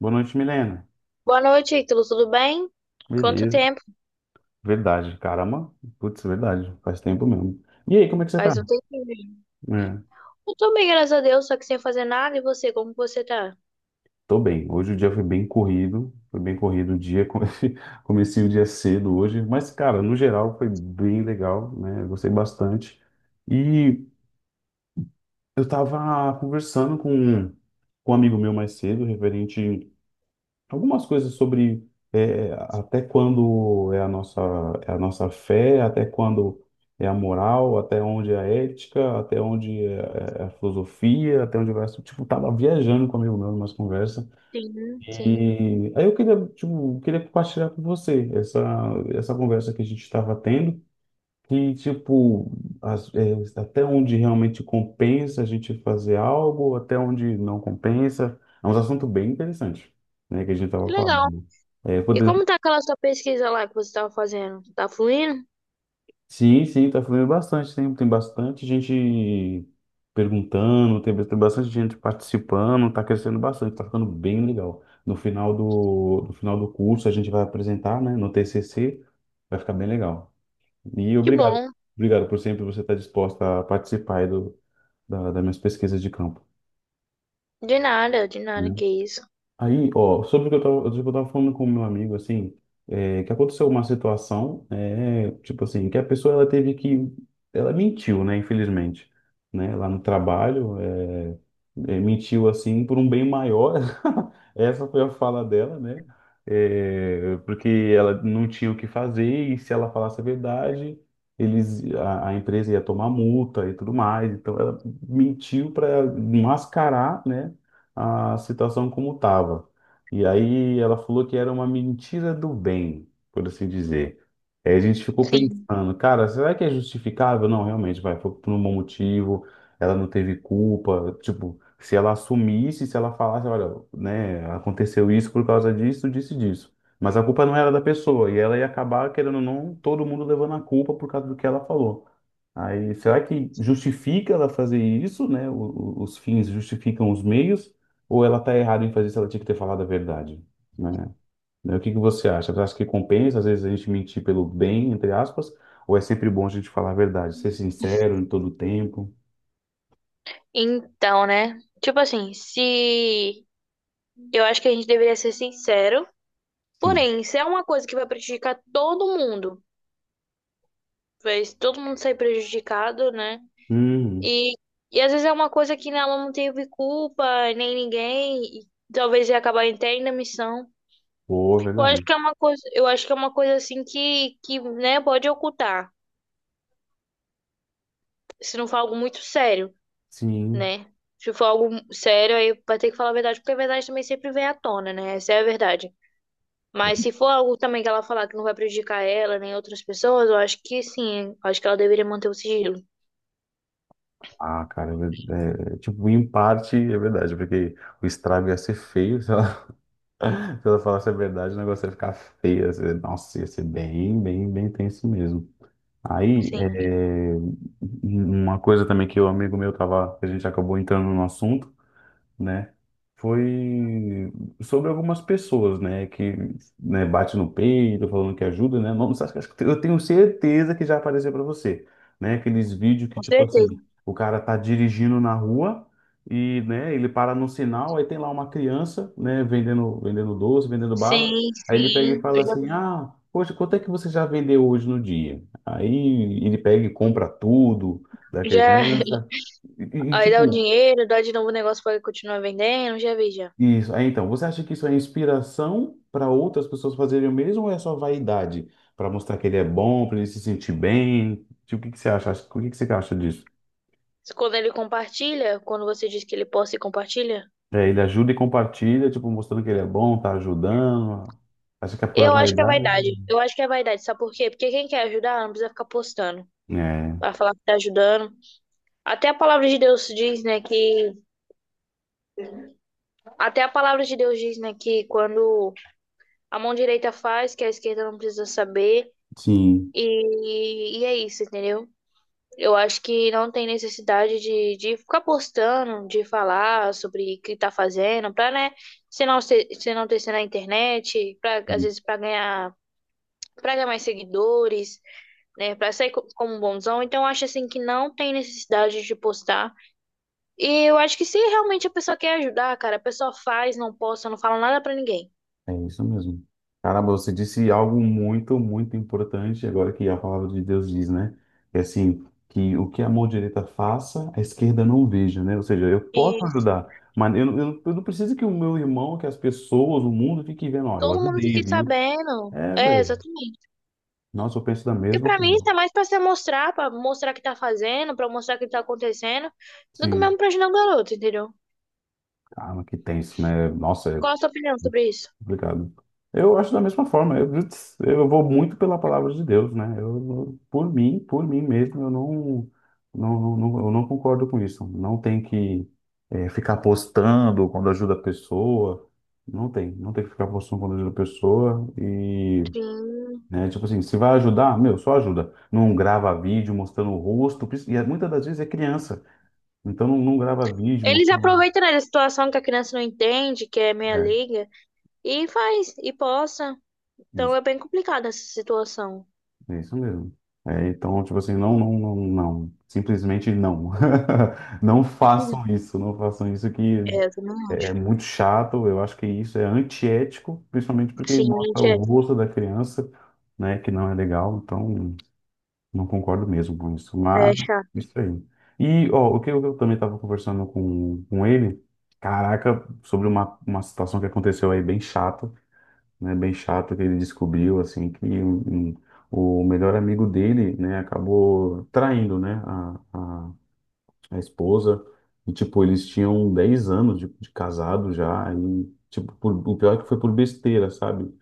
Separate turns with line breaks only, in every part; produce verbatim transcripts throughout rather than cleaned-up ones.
Boa noite, Milena.
Boa noite, Ítalo. Tudo bem? Quanto
Beleza.
tempo?
Verdade, caramba. Putz, verdade. Faz tempo mesmo. E aí, como é que você tá?
Faz um tempinho.
É,
Eu tô bem, graças a Deus, só que sem fazer nada. E você, como você tá?
tô bem. Hoje o dia foi bem corrido. Foi bem corrido o dia. Comecei, comecei o dia cedo hoje. Mas, cara, no geral foi bem legal, né? Eu gostei bastante. E eu tava conversando com, com um amigo meu mais cedo, referente algumas coisas sobre é, até quando é a nossa, é a nossa fé, até quando é a moral, até onde é a ética, até onde é, é a filosofia, até onde vai. Tipo, tava viajando com um amigo meu numa conversa.
Sim, sim.
E aí eu queria, tipo, queria compartilhar com você essa, essa conversa que a gente estava tendo que, tipo, as- é, até onde realmente compensa a gente fazer algo, até onde não compensa. É um assunto bem interessante, né, que a gente
Que
estava
legal.
falando. É,
E
poder.
como tá aquela sua pesquisa lá que você tava fazendo? Tá fluindo?
Sim, sim, está falando bastante, tem, tem bastante gente perguntando, tem, tem bastante gente participando, está crescendo bastante, está ficando bem legal. No final do, no final do curso a gente vai apresentar, né, no T C C, vai ficar bem legal. E
Que
obrigado,
bom.
obrigado por sempre você estar disposta a participar aí do da, das minhas pesquisas de campo,
De nada, de nada,
né?
que isso.
Aí, ó, sobre o que eu tava, sobre o que eu tava falando com o meu amigo, assim, é, que aconteceu uma situação, é, tipo assim, que a pessoa, ela teve que, ela mentiu, né, infelizmente, né, lá no trabalho, é, é, mentiu, assim, por um bem maior, essa foi a fala dela, né, é, porque ela não tinha o que fazer e se ela falasse a verdade, eles, a, a empresa ia tomar multa e tudo mais, então ela mentiu para mascarar, né, a situação como estava. E aí ela falou que era uma mentira do bem, por assim dizer. Aí a gente ficou
Sim.
pensando, cara, será que é justificável? Não, realmente, vai, foi por um bom motivo, ela não teve culpa. Tipo, se ela assumisse, se ela falasse, olha, né, aconteceu isso por causa disso, disso e disso. Mas a culpa não era da pessoa, e ela ia acabar, querendo ou não, todo mundo levando a culpa por causa do que ela falou. Aí, será que justifica ela fazer isso, né? O- o- os fins justificam os meios, ou ela está errada em fazer isso, ela tinha que ter falado a verdade, né? Né, o que que você acha? Você acha que compensa, às vezes, a gente mentir pelo bem, entre aspas, ou é sempre bom a gente falar a verdade, ser sincero em todo o tempo?
Então, né? Tipo assim, se... Eu acho que a gente deveria ser sincero.
Sim.
Porém, se é uma coisa que vai prejudicar todo mundo, vai todo mundo sair prejudicado, né?
Hum,
E, e às vezes é uma coisa que né, ela não teve culpa, nem ninguém, e talvez ia acabar até indo à missão.
boa,
Eu acho
verdade.
que é uma coisa, eu acho que é uma coisa assim que, que, né, pode ocultar, se não for algo muito sério,
Sim.
né? Se for algo sério, aí vai ter que falar a verdade, porque a verdade também sempre vem à tona, né? Essa é a verdade. Mas se for algo também que ela falar que não vai prejudicar ela nem outras pessoas, eu acho que sim, eu acho que ela deveria manter o sigilo.
Ah, cara, é, ver- é, tipo, em parte é verdade, porque o estrago ia ser feio. Se eu falasse a verdade, o negócio ia ficar feio. ia ser- Nossa, ia ser bem, bem, bem tenso mesmo. Aí,
Sim,
é, um, uma coisa também que o amigo meu tava, que a gente acabou entrando no assunto, né? Foi sobre algumas pessoas, né? Que né, bate no peito, falando que ajuda, né? Não, acho, que- acho que eu tenho certeza que já apareceu para você, né? Aqueles vídeos que,
com
tipo
certeza.
assim, o cara tá dirigindo na rua e, né, ele para no sinal, aí tem lá uma criança, né, vendendo, vendendo doce, vendendo bala.
Sim,
Aí ele pega e
sim.
fala assim:
Eu
Ah, poxa, quanto é que você já vendeu hoje no dia? Aí ele pega e compra tudo da
já, já,
criança. E, e,
aí dá o
tipo,
dinheiro, dá de novo o negócio pra ele continuar vendendo, já vi já.
isso. Aí, então, você acha que isso é inspiração para outras pessoas fazerem o mesmo ou é só vaidade? Para mostrar que ele é bom, para ele se sentir bem? Tipo, o que que você acha? O que que você acha disso?
Quando ele compartilha, quando você diz que ele posta e compartilha,
É, ele ajuda e compartilha, tipo, mostrando que ele é bom, tá ajudando. Acha que é pura
eu acho que é
vaidade?
vaidade. Eu acho que é vaidade, sabe por quê? Porque quem quer ajudar não precisa ficar postando
É,
pra falar que tá ajudando. Até a palavra de Deus diz, né, que até a palavra de Deus diz, né, que quando a mão direita faz, que a esquerda não precisa saber.
sim.
E, e é isso, entendeu? Eu acho que não tem necessidade de, de ficar postando, de falar sobre o que tá fazendo, pra, né, se não ser, se não ter na internet, pra, às vezes pra ganhar, pra ganhar mais seguidores, né, pra sair co- como um bonzão. Então, eu acho, assim, que não tem necessidade de postar. E eu acho que se realmente a pessoa quer ajudar, cara, a pessoa faz, não posta, não fala nada pra ninguém.
É isso mesmo. Caramba, você disse algo muito, muito importante agora que a palavra de Deus diz, né? É assim, que o que a mão direita faça, a esquerda não veja, né? Ou seja, eu posso
Isso.
ajudar, mas eu, não- eu, não- eu não preciso que o meu irmão, que as pessoas, o mundo fiquem vendo, ó, eu
Todo mundo
ajudei,
fica
viu?
sabendo.
É,
É,
velho.
exatamente.
Nossa, eu penso da
Porque
mesma
pra mim
forma.
tá mais pra se mostrar, pra mostrar o que tá fazendo, pra mostrar o que tá acontecendo, do que
Sim,
mesmo pra ajudar o garoto, entendeu?
caramba, que tenso, né? Nossa, é
Qual a sua opinião sobre isso?
complicado. Eu acho da mesma forma. Eu, putz, eu vou muito pela palavra de Deus, né? Eu, por mim, por mim mesmo, eu não, não, não, não- eu não concordo com isso. Não tem que eh, ficar postando quando ajuda a pessoa. Não tem, não tem que ficar postando quando ajuda a pessoa. E,
Sim.
né, tipo assim, se vai ajudar, meu, só ajuda. Não grava vídeo mostrando o rosto. Pris- E é- muitas das vezes é criança. Então não, não grava vídeo
Eles
mostrando.
aproveitam, né, da situação que a criança não entende, que é meia
É.
liga, e faz, e posta. Então é bem complicada essa situação.
É isso mesmo. É, então, tipo assim, não, não, não, não. Simplesmente não. Não
Sim.
façam isso, não façam isso que
É, eu também
é é
acho.
muito chato. Eu acho que isso é antiético, principalmente porque
Sim,
mostra
gente, é,
o rosto da criança, né, que não é legal. Então, não concordo mesmo com isso.
é
Mas,
chato.
isso aí. E, ó, o que eu, eu também estava conversando com, com ele, caraca, sobre uma, uma situação que aconteceu aí bem chata, né, bem chato que ele descobriu assim que um- um- o melhor amigo dele, né, acabou traindo, né, a, a, a esposa e tipo eles tinham dez anos de, de casado já e tipo por, o pior é que foi por besteira, sabe?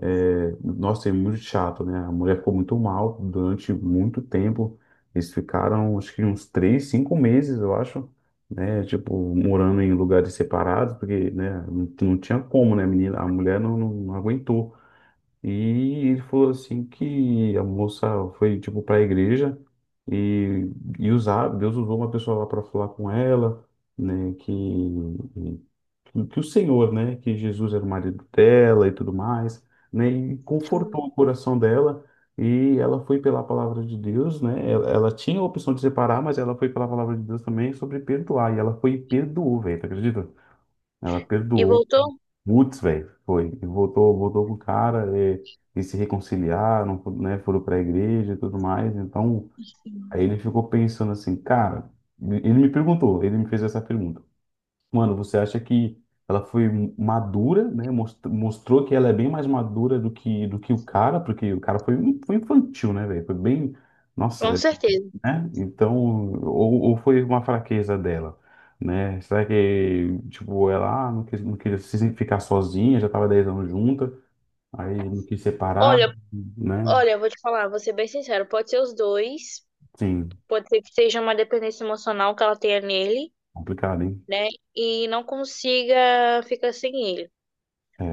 É, nossa, é muito chato, né? A mulher ficou muito mal durante muito tempo. Eles ficaram acho que uns três cinco meses, eu acho. Né, tipo, morando em lugares separados, porque, né, não, não tinha como, né, menina, a mulher não, não não aguentou. E ele falou assim que a moça foi tipo para a igreja e, e usar, Deus usou uma pessoa lá para falar com ela, né, que, que que o Senhor, né, que Jesus era o marido dela e tudo mais, né, e
Sim.
confortou o coração dela e ela foi pela palavra de Deus, né? Ela, ela tinha a opção de separar, mas ela foi pela palavra de Deus também sobre perdoar e ela foi e perdoou, velho, tu acredita? Ela
E
perdoou.
voltou?
Putz, velho, foi. E voltou, voltou com o cara e, e se reconciliaram, né? Foram pra igreja e tudo mais. Então, aí ele ficou pensando assim, cara, ele me perguntou, ele me fez essa pergunta. Mano, você acha que ela foi madura, né? mos- Mostrou que ela é bem mais madura do que, do que o cara, porque o cara foi, foi infantil, né, velho? Foi bem.
Com
Nossa,
certeza.
né? Então, ou, ou foi uma fraqueza dela, né? Será que, tipo, ela ah, não quis, não quis se- ficar sozinha, já estava dez anos junta, aí não quis separar,
Olha,
né?
olha, eu vou te falar, vou ser bem sincero, pode ser os dois,
Sim,
pode ser que seja uma dependência emocional que ela tenha nele.
complicado, hein?
Né? E não consiga ficar sem ele.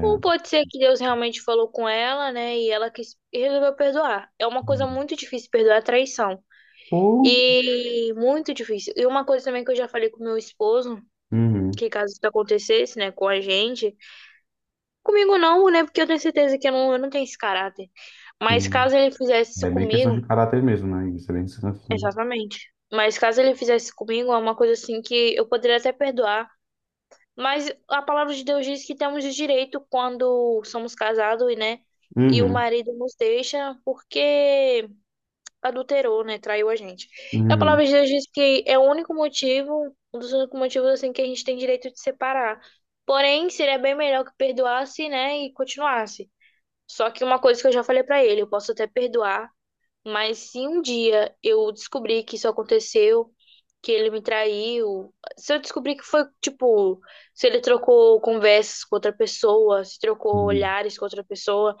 Ou pode ser que Deus realmente falou com ela, né? E ela quis e resolveu perdoar. É uma coisa muito difícil perdoar a traição.
Ou.
E muito difícil. E uma coisa também que eu já falei com meu esposo,
Uhum,
que caso isso acontecesse, né, com a gente, comigo não, né? Porque eu tenho certeza que eu não, eu não tenho esse caráter. Mas
sim.
caso ele fizesse isso
É bem questão de
comigo,
caráter mesmo, né? Isso é bem questão de.
exatamente. Mas caso ele fizesse comigo, é uma coisa assim que eu poderia até perdoar. Mas a palavra de Deus diz que temos o direito quando somos casados, e, né? E o
Uhum,
marido nos deixa porque adulterou, né? Traiu a gente. E a
uhum,
palavra de Deus diz que é o único motivo, um dos únicos motivos, assim, que a gente tem direito de separar. Porém, seria bem melhor que perdoasse, né? E continuasse. Só que uma coisa que eu já falei pra ele, eu posso até perdoar, mas se um dia eu descobrir que isso aconteceu, que ele me traiu, se eu descobrir que foi, tipo, se ele trocou conversas com outra pessoa, se trocou
uhum,
olhares com outra pessoa,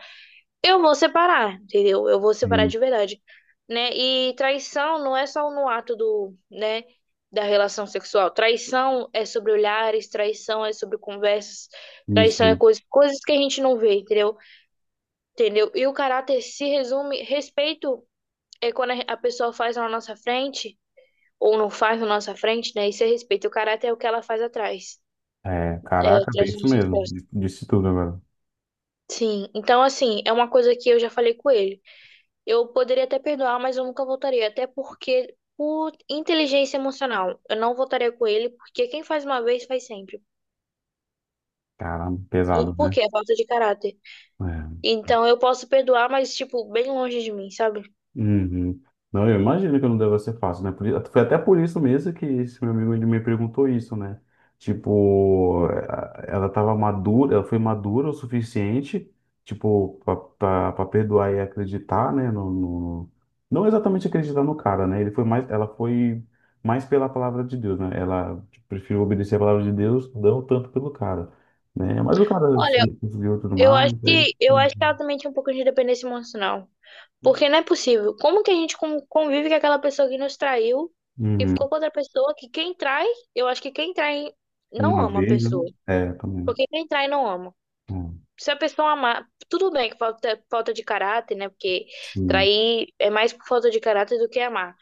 eu vou separar, entendeu? Eu vou separar
sim.
de verdade, né? E traição não é só no ato do, né, da relação sexual. Traição é sobre olhares, traição é sobre conversas,
Isso,
traição é
mesmo.
coisas, coisas que a gente não vê, entendeu? Entendeu? E o caráter se resume respeito é quando a a pessoa faz na nossa frente, ou não faz na nossa frente, né? Isso é respeito. O caráter é o que ela faz atrás,
É,
é,
caraca, bem
atrás das
isso
nossas
mesmo. Disse
costas.
disse tudo agora.
Sim, então assim, é uma coisa que eu já falei com ele. Eu poderia até perdoar, mas eu nunca voltaria, até porque por inteligência emocional, eu não voltaria com ele, porque quem faz uma vez faz sempre.
Caramba,
E
pesado,
por
né?
quê? É falta de caráter.
É.
Então eu posso perdoar, mas tipo, bem longe de mim, sabe?
Uhum. Não, eu imagino que não deva ser fácil, né? Por, i- foi até por isso mesmo que esse meu amigo ele me perguntou isso, né? Tipo, eh, ela estava madura, ela foi madura o suficiente, tipo, para perdoar e acreditar, né? No, no- não exatamente acreditar no cara, né? Ele foi mais, ela foi mais pela palavra de Deus, né? Ela tipo, preferiu obedecer a palavra de Deus, não tanto pelo cara, né? Mas o cara
Olha,
se conseguiu tudo
eu acho
mais, aí,
que eu acho que
uhum.
ela também tinha um pouco de dependência emocional. Porque não é possível. Como que a gente con- convive com aquela pessoa que nos traiu e ficou
Uhum.
com outra pessoa que quem trai, eu acho que quem trai não
Uma
ama a
vez, né?
pessoa.
É, também.
Porque quem trai não ama.
É.
Se a pessoa amar, tudo bem que falta, falta de caráter, né? Porque
Sim,
trair é mais por falta de caráter do que amar.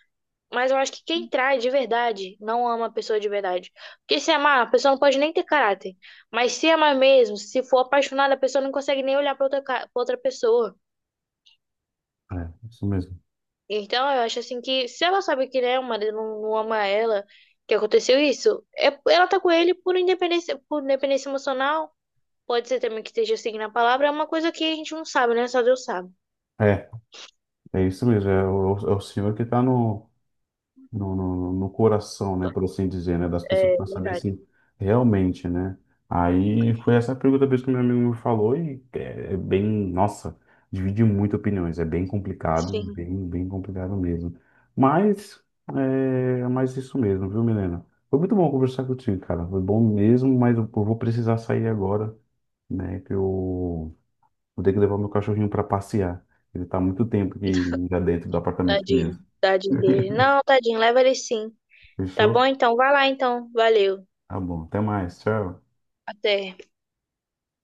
Mas eu acho que quem trai de verdade não ama a pessoa de verdade. Porque se amar, a pessoa não pode nem ter caráter. Mas se amar mesmo, se for apaixonada, a pessoa não consegue nem olhar pra outra, ca- pra outra pessoa.
é isso mesmo.
Então, eu acho assim que se ela sabe que né, o marido não, não ama ela, que aconteceu isso, é, ela tá com ele por independência, por independência emocional. Pode ser também que esteja seguindo a palavra, é uma coisa que a gente não sabe, né? Só Deus sabe.
É, é isso mesmo. É o, é o senhor que está no, no, no, no coração, né, por assim dizer, né, das pessoas
É
para saber
verdade.
se realmente, né. Aí foi essa a pergunta mesmo que meu amigo me falou e é, é bem, nossa, divide muito opiniões. É bem complicado,
Sim,
bem, bem complicado mesmo. Mas é mais isso mesmo, viu, Milena? Foi muito bom conversar contigo, cara. Foi bom mesmo, mas eu eu vou precisar sair agora, né, que eu vou ter que levar meu cachorrinho para passear. Ele tá há muito tempo aqui já dentro do apartamento comigo.
tadinho. Tadinho dele. Não, tadinho, leva ele sim. Tá
Fechou?
bom então? Vai lá então. Valeu.
Tá bom. Até mais. Tchau.
Até.